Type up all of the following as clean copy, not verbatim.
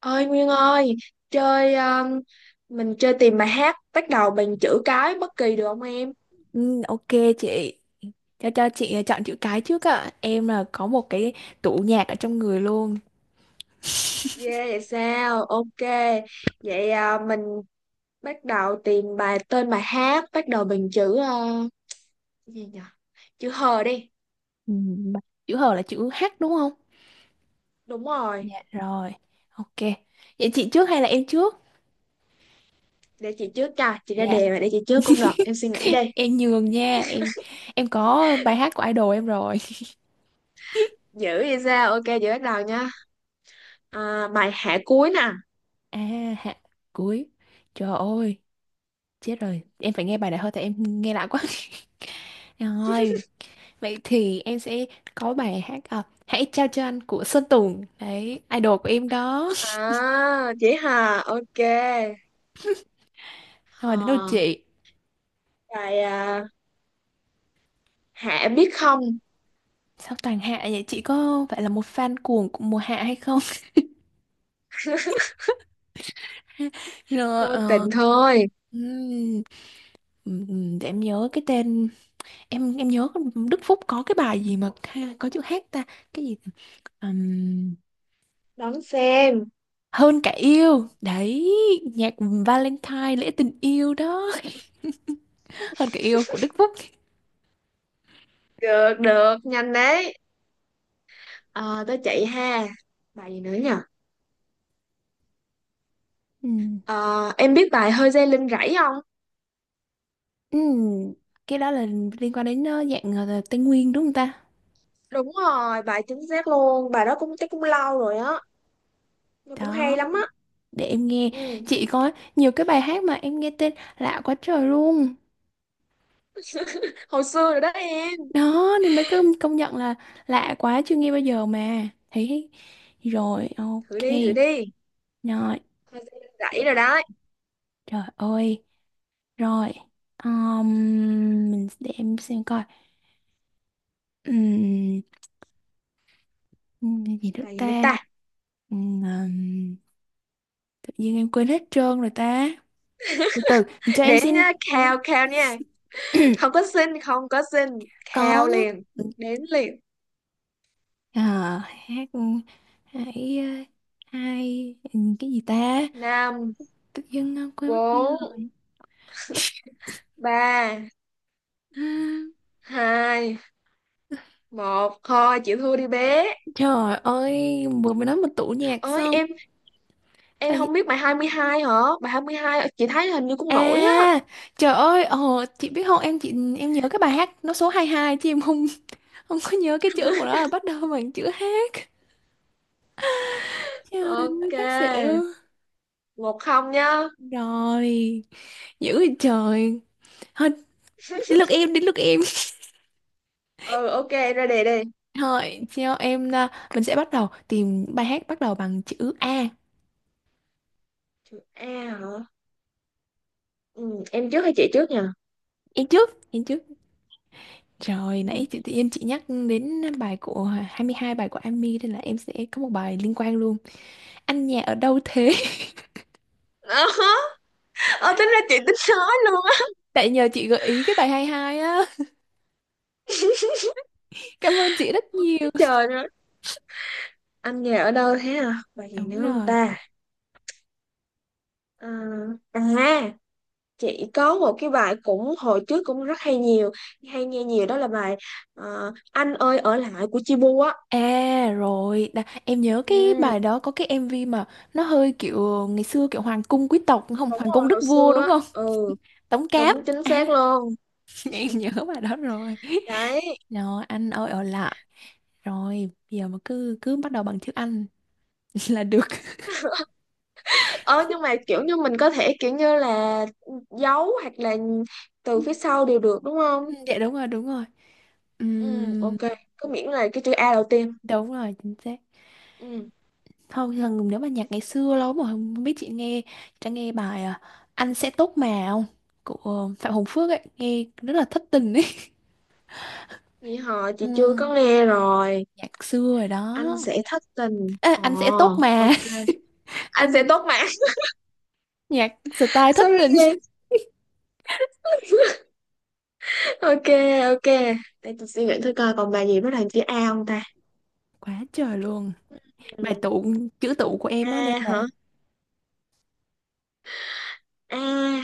Ơi Nguyên ơi, chơi mình chơi tìm bài hát bắt đầu bằng chữ cái bất kỳ được không em? Ừ, ok chị, cho chị chọn chữ cái trước ạ, em là có một cái tủ nhạc ở trong người luôn. Yeah, vậy sao? Ok. Vậy à, mình bắt đầu tìm tên bài hát bắt đầu bằng chữ gì nhỉ, chữ hờ đi. Ừ, mà chữ H là chữ H đúng không? Đúng rồi. Dạ rồi, ok. Vậy chị trước hay là em trước? Để chị trước, cho chị ra Dạ. đề mà, để chị trước cũng được, em suy nghĩ đi. Em nhường nha em em có bài hát của idol em rồi. Dữ vậy sao? Ok, chị bắt đầu nha. À, bài Hạ cuối nè. À, hạ cuối. Trời ơi, chết rồi, em phải nghe bài này thôi, tại em nghe lạ quá. Rồi, vậy thì em sẽ có bài hát à, hãy trao cho anh của Sơn Tùng đấy, idol của em đó. À, chị hà. Ok, Rồi, đến lượt hờ. chị. Bài à, Hả biết không? Sao toàn hạ vậy? Chị có phải là một fan cuồng của mùa hạ hay không? Rồi, Vô tình thôi. ừm, để em nhớ cái tên. Em nhớ Đức Phúc có cái bài gì mà có chữ hát ta, cái gì? Ừm, Đón xem. hơn cả yêu đấy, nhạc Valentine lễ tình yêu đó. Hơn cả yêu của Đức Phúc. Được, được, nhanh đấy. Ờ, tới chị ha. Bài gì nữa nhỉ? Ừm, Ờ, em biết bài Hơi dây lưng rẫy không? ừm, cái đó là liên quan đến dạng Tây Nguyên đúng không ta? Đúng rồi, bài chính xác luôn. Bài đó cũng chắc cũng lâu rồi á. Nó cũng Đó, hay lắm á. để em nghe. Ừ, Chị có nhiều cái bài hát mà em nghe tên lạ quá trời luôn. hồi xưa rồi đó em. Đó nên mới cứ công nhận là lạ quá, chưa nghe bao giờ mà thấy. Rồi, Thử ok. đi, thử đi. Rồi, Hơi dây lưng rẫy rồi đó. trời ơi. Rồi, um, mình để em xem coi. Cái gì nữa Bài gì nữa ta? ta? Ừm, ừm, tự nhiên em quên hết trơn rồi ta. Từ từ, cho em Đến xin. nhá, khao, khao nha. Không có xin, không có xin. Khao Có. liền. Đến liền. Ờ, hát, hãy hai, cái gì ta? Năm, Tự nhiên quên mất tiêu bốn, rồi. ba, Ừm, hai, một, thôi chịu thua đi bé Trời ơi, vừa mới nói một tủ nhạc ơi. xong. em Là em gì? không biết bài 22 hả? Bài 22 chị thấy hình như cũng nổi á. À, trời ơi, ồ, chị biết không, em chị em nhớ cái bài hát nó số 22 chứ em không không có nhớ cái chữ của nó là bắt đầu bằng chữ hát. Trời ơi, chắc Ok, xỉu. một không nhá. Rồi, dữ vậy trời. Thôi, đến lượt em, đến lượt em. Ừ, ok, em ra đề đi. Thôi, cho em, à, mình sẽ bắt đầu tìm bài hát bắt đầu bằng chữ A. Chữ A hả? Ừ, em trước hay chị trước nha. Em trước, em trước. Trời, Ừ. nãy chị tự nhiên chị nhắc đến bài của 22, bài của Amy nên là em sẽ có một bài liên quan luôn. Anh nhà ở đâu thế? Ờ, tính ra chị tính nói luôn á. Tại nhờ chị gợi ý cái bài 22 á. Cảm ơn chị rất nhiều. Trời ơi, Anh nhà ở đâu thế, à bài gì Đúng nữa không rồi. ta? À, à, chị có một cái bài cũng hồi trước cũng rất hay, nhiều, hay nghe nhiều, đó là bài Anh ơi ở lại của Chibu á. À rồi, Đà, em nhớ cái Ừ, bài đó có cái MV mà nó hơi kiểu ngày xưa kiểu hoàng cung quý tộc không? đúng Hoàng cung rồi, đức hồi vua xưa đúng á. không? Ừ, Tống Cáp. đúng, chính À, xác luôn. em nhớ bài đó rồi. Đấy. Rồi, anh ơi ở lại. Rồi, bây giờ mà cứ cứ bắt đầu bằng chữ anh là được. Ờ, nhưng mà kiểu như mình có thể kiểu như là giấu hoặc là từ phía sau đều được đúng Ừ, không? dạ đúng rồi đúng rồi. Ừ, Ừm, ok, cứ miễn là cái chữ A đầu tiên. Đúng rồi chính xác. Ừ, Thôi thường nếu mà nhạc ngày xưa lâu mà không biết, chị nghe bài à, anh sẽ tốt mà không của Phạm Hồng Phước ấy, nghe rất là thất tình ấy. vậy họ, chị chưa Ừm, có nghe rồi. Nhạc xưa rồi đó. Anh sẽ thất tình, Ê, ồ. anh sẽ tốt mà. Ok, Anh sẽ Anh, tốt mà. nhạc style thất Sorry. tình. Ok. Ok. Để tôi suy nghĩ thử coi còn bài gì bắt đầu chữ A không ta. Quá trời luôn. Bài Ừ. tụ, chữ tụ của em á nên A hả? là A.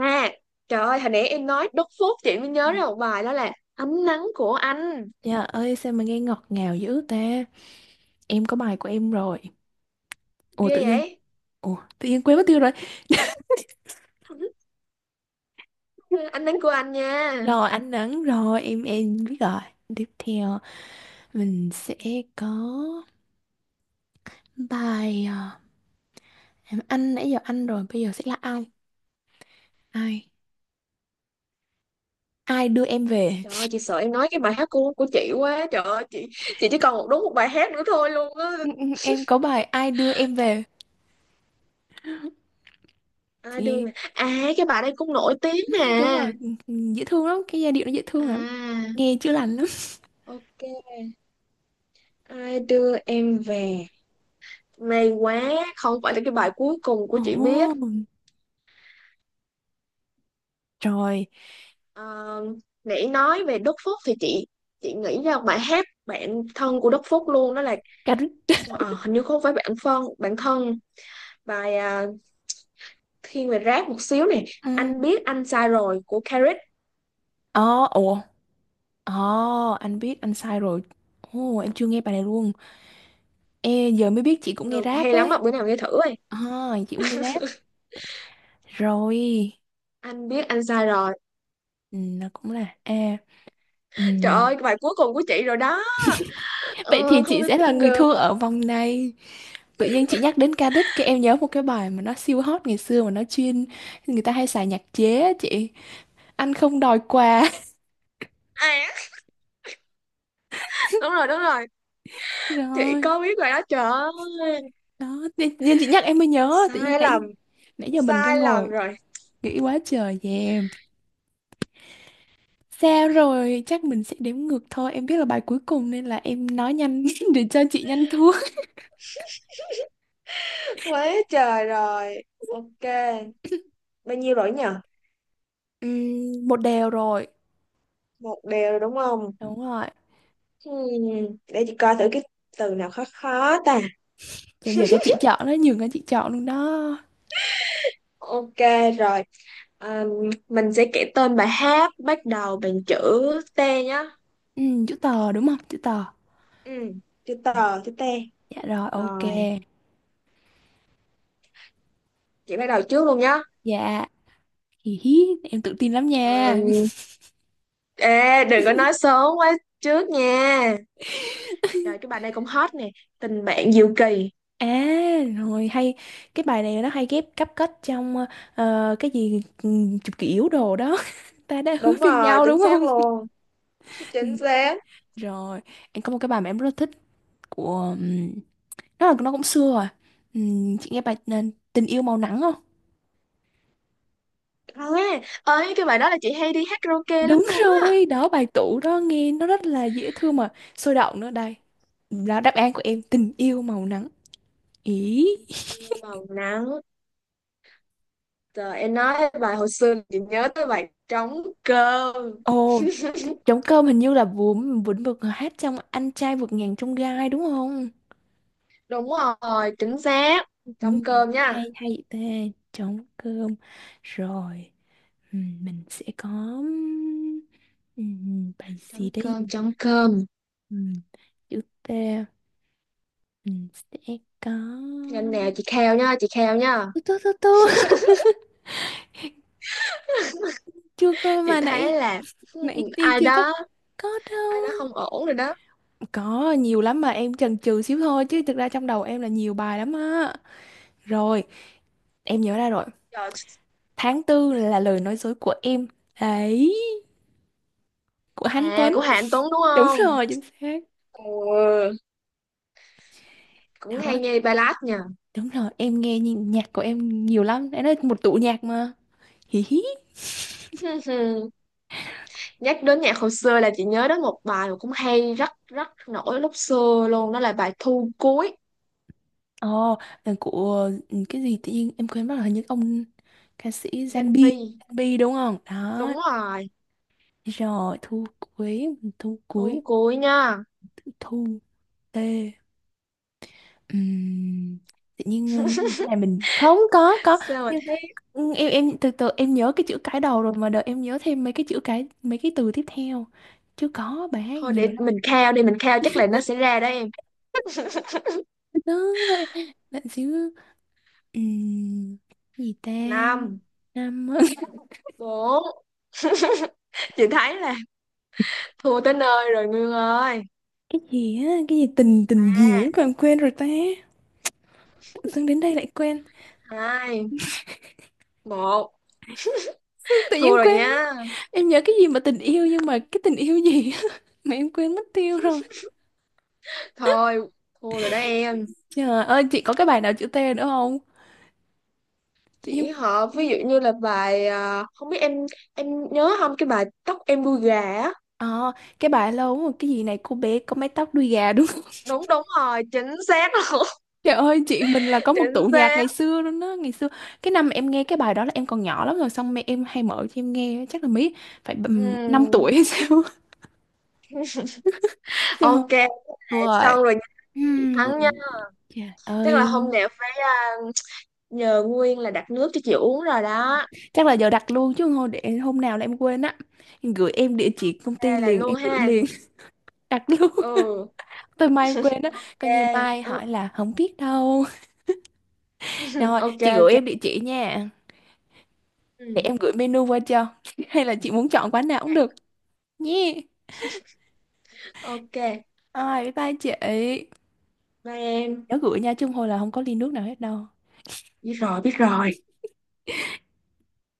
A. Trời ơi, hồi nãy em nói đốt phốt chị mới nhớ ra một bài đó là Ánh nắng của anh. dạ ơi sao mà nghe ngọt ngào dữ ta. Em có bài của em rồi. Ủa Ghê tự dưng, vậy. ủa tự nhiên quên mất tiêu rồi. Ánh nắng của anh nha. Rồi anh đoán rồi, em biết rồi. Tiếp theo mình sẽ có bài à, anh nãy giờ anh rồi, bây giờ sẽ là ai, ai ai đưa em về. Trời ơi, chị sợ em nói cái bài hát của chị quá. Trời ơi, chị chỉ còn một, đúng một bài hát nữa thôi luôn á. Ừ, ừ, em có bài ai đưa em về à chị đưa nghe. mà à cái bài đây cũng nổi tiếng Ừ, mà. đúng rồi, ừ, ừ, dễ thương lắm, cái giai điệu nó dễ thương lắm, À, nghe chữa lành lắm. ok, Ai đưa em về. May quá, không phải là cái bài cuối cùng của chị Ồ, biết. rồi. Ờ, nãy nói về Đức Phúc thì chị nghĩ ra bài hát Bạn thân của Đức Phúc luôn, đó là, Cà rích. ờ, hình như không phải bạn thân, bài à, thiên về rap một xíu nè, Ừ. Anh biết anh sai rồi của Carrick. Ồ, ồ, ồ, anh biết anh sai rồi. Ồ, em chưa nghe bài này luôn. Ê, giờ mới biết chị cũng nghe Được, rap hay lắm, ấy. mà bữa nào nghe thử ơi. À, chị cũng nghe rap. Rồi, Anh biết anh sai rồi. ừ, nó cũng là A. Trời Ừm, ơi, cái bài cuối cùng của chị rồi đó. Vậy thì Ờ, chị không thể sẽ là tin người được. thua ở vòng này. Tự nhiên chị nhắc đến ca đích, cái em nhớ một cái bài mà nó siêu hot ngày xưa mà nó chuyên người ta hay xài nhạc chế á chị. Anh không đòi quà. À, đúng rồi, đúng rồi, chị Rồi, có biết bài đó. Trời ơi, đó, tự nhiên chị nhắc em mới nhớ, tự nhiên sai nãy lầm, nãy giờ mình cứ sai lầm ngồi rồi. nghĩ quá trời về em. Sao rồi, chắc mình sẽ đếm ngược thôi. Em biết là bài cuối cùng nên là em nói nhanh để cho chị nhanh thua. Quá trời rồi. Ok. Bao nhiêu rồi nhỉ? Một đều rồi. Một đều rồi đúng không? Đúng rồi. Hmm. Để chị coi thử cái từ nào khó khó ta. Cho giờ cho chị chọn đó, nhường cho chị chọn luôn đó. Ok rồi. À, mình sẽ kể tên bài hát bắt đầu bằng chữ T nhá. Ừ, chữ tờ đúng không? Chữ tờ. Ừ. Chữ tờ, chữ T. Dạ rồi, ok. Rồi. Chị bắt đầu trước luôn nhá. Dạ. Hì hí, em tự tin lắm Ờ, nha. ê, đừng có nói sớm quá trước nha. Trời, cái bài này cũng hot nè. Tình bạn diệu kỳ. À, rồi hay, cái bài này nó hay ghép cấp kết trong cái gì, ừ, chụp kỷ yếu đồ đó. Ta đã hứa Đúng với rồi, nhau chính đúng xác không? luôn. Ừ, Chính xác. rồi, em có một cái bài mà em rất là thích của nó là, nó cũng xưa rồi. Chị nghe bài Tình yêu màu nắng không? À, ơi cái bài đó là chị hay đi hát karaoke lắm Đúng luôn á. rồi, đó bài tủ đó nghe nó rất là dễ thương mà sôi động nữa đây. Đó, đáp án của em tình yêu màu nắng ý. Yêu màu nắng. Trời, em nói bài hồi xưa chị nhớ tới bài Trống cơm. Ồ, trống cơm hình như là Vũng Vĩnh Vực hát trong anh trai vượt ngàn chông gai đúng không? Đúng rồi, chính xác. Ừ, Trống cơm nha. hay hay vậy ta. Trống cơm. Rồi, ừ, mình sẽ có, ừ, bài Trống gì đây cơm, nhỉ? trống cơm. Ừ, chữ T mình sẽ có Nhanh nè, chị kheo nha, chị kheo nha. tu tu tu tu chưa có Chị mà thấy nãy là, hmm, nãy tiên ai chưa có. đó, Có đâu. ai đó không ổn rồi đó. Có nhiều lắm mà em chần chừ xíu thôi chứ thực ra trong đầu em là nhiều bài lắm á. Rồi, em nhớ ra rồi. Trời, Tháng tư là lời nói dối của em. Đấy, của Hán à Tuấn. của Hà Anh Tuấn đúng Đúng không? rồi, chính xác. Ừ, cũng hay Đó, nghe ballad nha. đúng rồi, em nghe nhạc của em nhiều lắm. Đấy là một tủ nhạc mà. Hí hí. Nhắc đến nhạc hồi xưa là chị nhớ đến một bài mà cũng hay, rất rất nổi lúc xưa luôn, đó là bài Thu cuối. Ồ, là của ừ, cái gì, tự nhiên em quên mất là hình như ông ca sĩ Danh Zanbi. Vi, Zanbi đúng không? Đó. đúng rồi. Rồi, thu cuối, thu Thu cuối, cuối nha. thu tê. Ừm, Tự nhiên này mình không có Sao mà nhưng thế? Em từ từ em nhớ cái chữ cái đầu rồi mà đợi em nhớ thêm mấy cái chữ cái mấy cái từ tiếp theo chứ có bài hát Thôi, nhiều để lắm. mình khao đi, mình khao chắc là nó sẽ ra đó em. Đó, đấy, lạnh xíu. Ừm, Gì ta? Năm, 5. bốn, chị thấy là thua tới nơi rồi Nguyên ơi, Cái gì á, cái gì tình, tình ba, gì á, còn quên rồi ta. Tự dưng đến đây lại quên. hai, một, Tự nhiên thua rồi quên mất. nha. Em nhớ cái gì mà tình yêu, nhưng mà cái tình yêu gì á mà em quên mất tiêu rồi. Thôi, thua rồi đó em. Trời ơi, chị có cái bài nào chữ T nữa không? Tự Chỉ nhiên. họ Ừ. ví dụ như là bài à, không biết em nhớ không, cái bài Tóc em đuôi gà á. Ờ, cái bài lâu lắm rồi cái gì này cô bé có mái tóc đuôi gà đúng không? Đúng, đúng rồi, chính xác luôn. Trời ơi, chị mình là có một Chính tụ nhạc xác. ngày xưa luôn đó ngày xưa. Cái năm em nghe cái bài đó là em còn nhỏ lắm rồi, xong mẹ em hay mở cho em nghe chắc là mấy phải Ừ. bầm 5 tuổi hay sao. Trời ơi. Ok, Đúng rồi. xong rồi nha. Chị Ừm, thắng nha. Trời Tức là ơi, hôm nào phải, à, nhờ Nguyên là đặt nước cho chị uống rồi đó. chắc là giờ đặt luôn chứ thôi để hôm nào là em quên á, em gửi em địa chỉ công ty Đây là liền, luôn em gửi ha. liền. Đặt luôn, Ừ, tới mai em quên á, ok. coi như mai Ừ. hỏi là không biết đâu. Rồi Ok, chị gửi ok. em địa chỉ nha. Để Ừ. em gửi menu qua cho. Hay là chị muốn chọn quán nào cũng được. Nhé. Ok, Ai, bye bye chị. Ấy. bye em. Nhớ gửi nha, chứ không thôi là không có ly nước nào hết đâu. Biết rồi, biết rồi.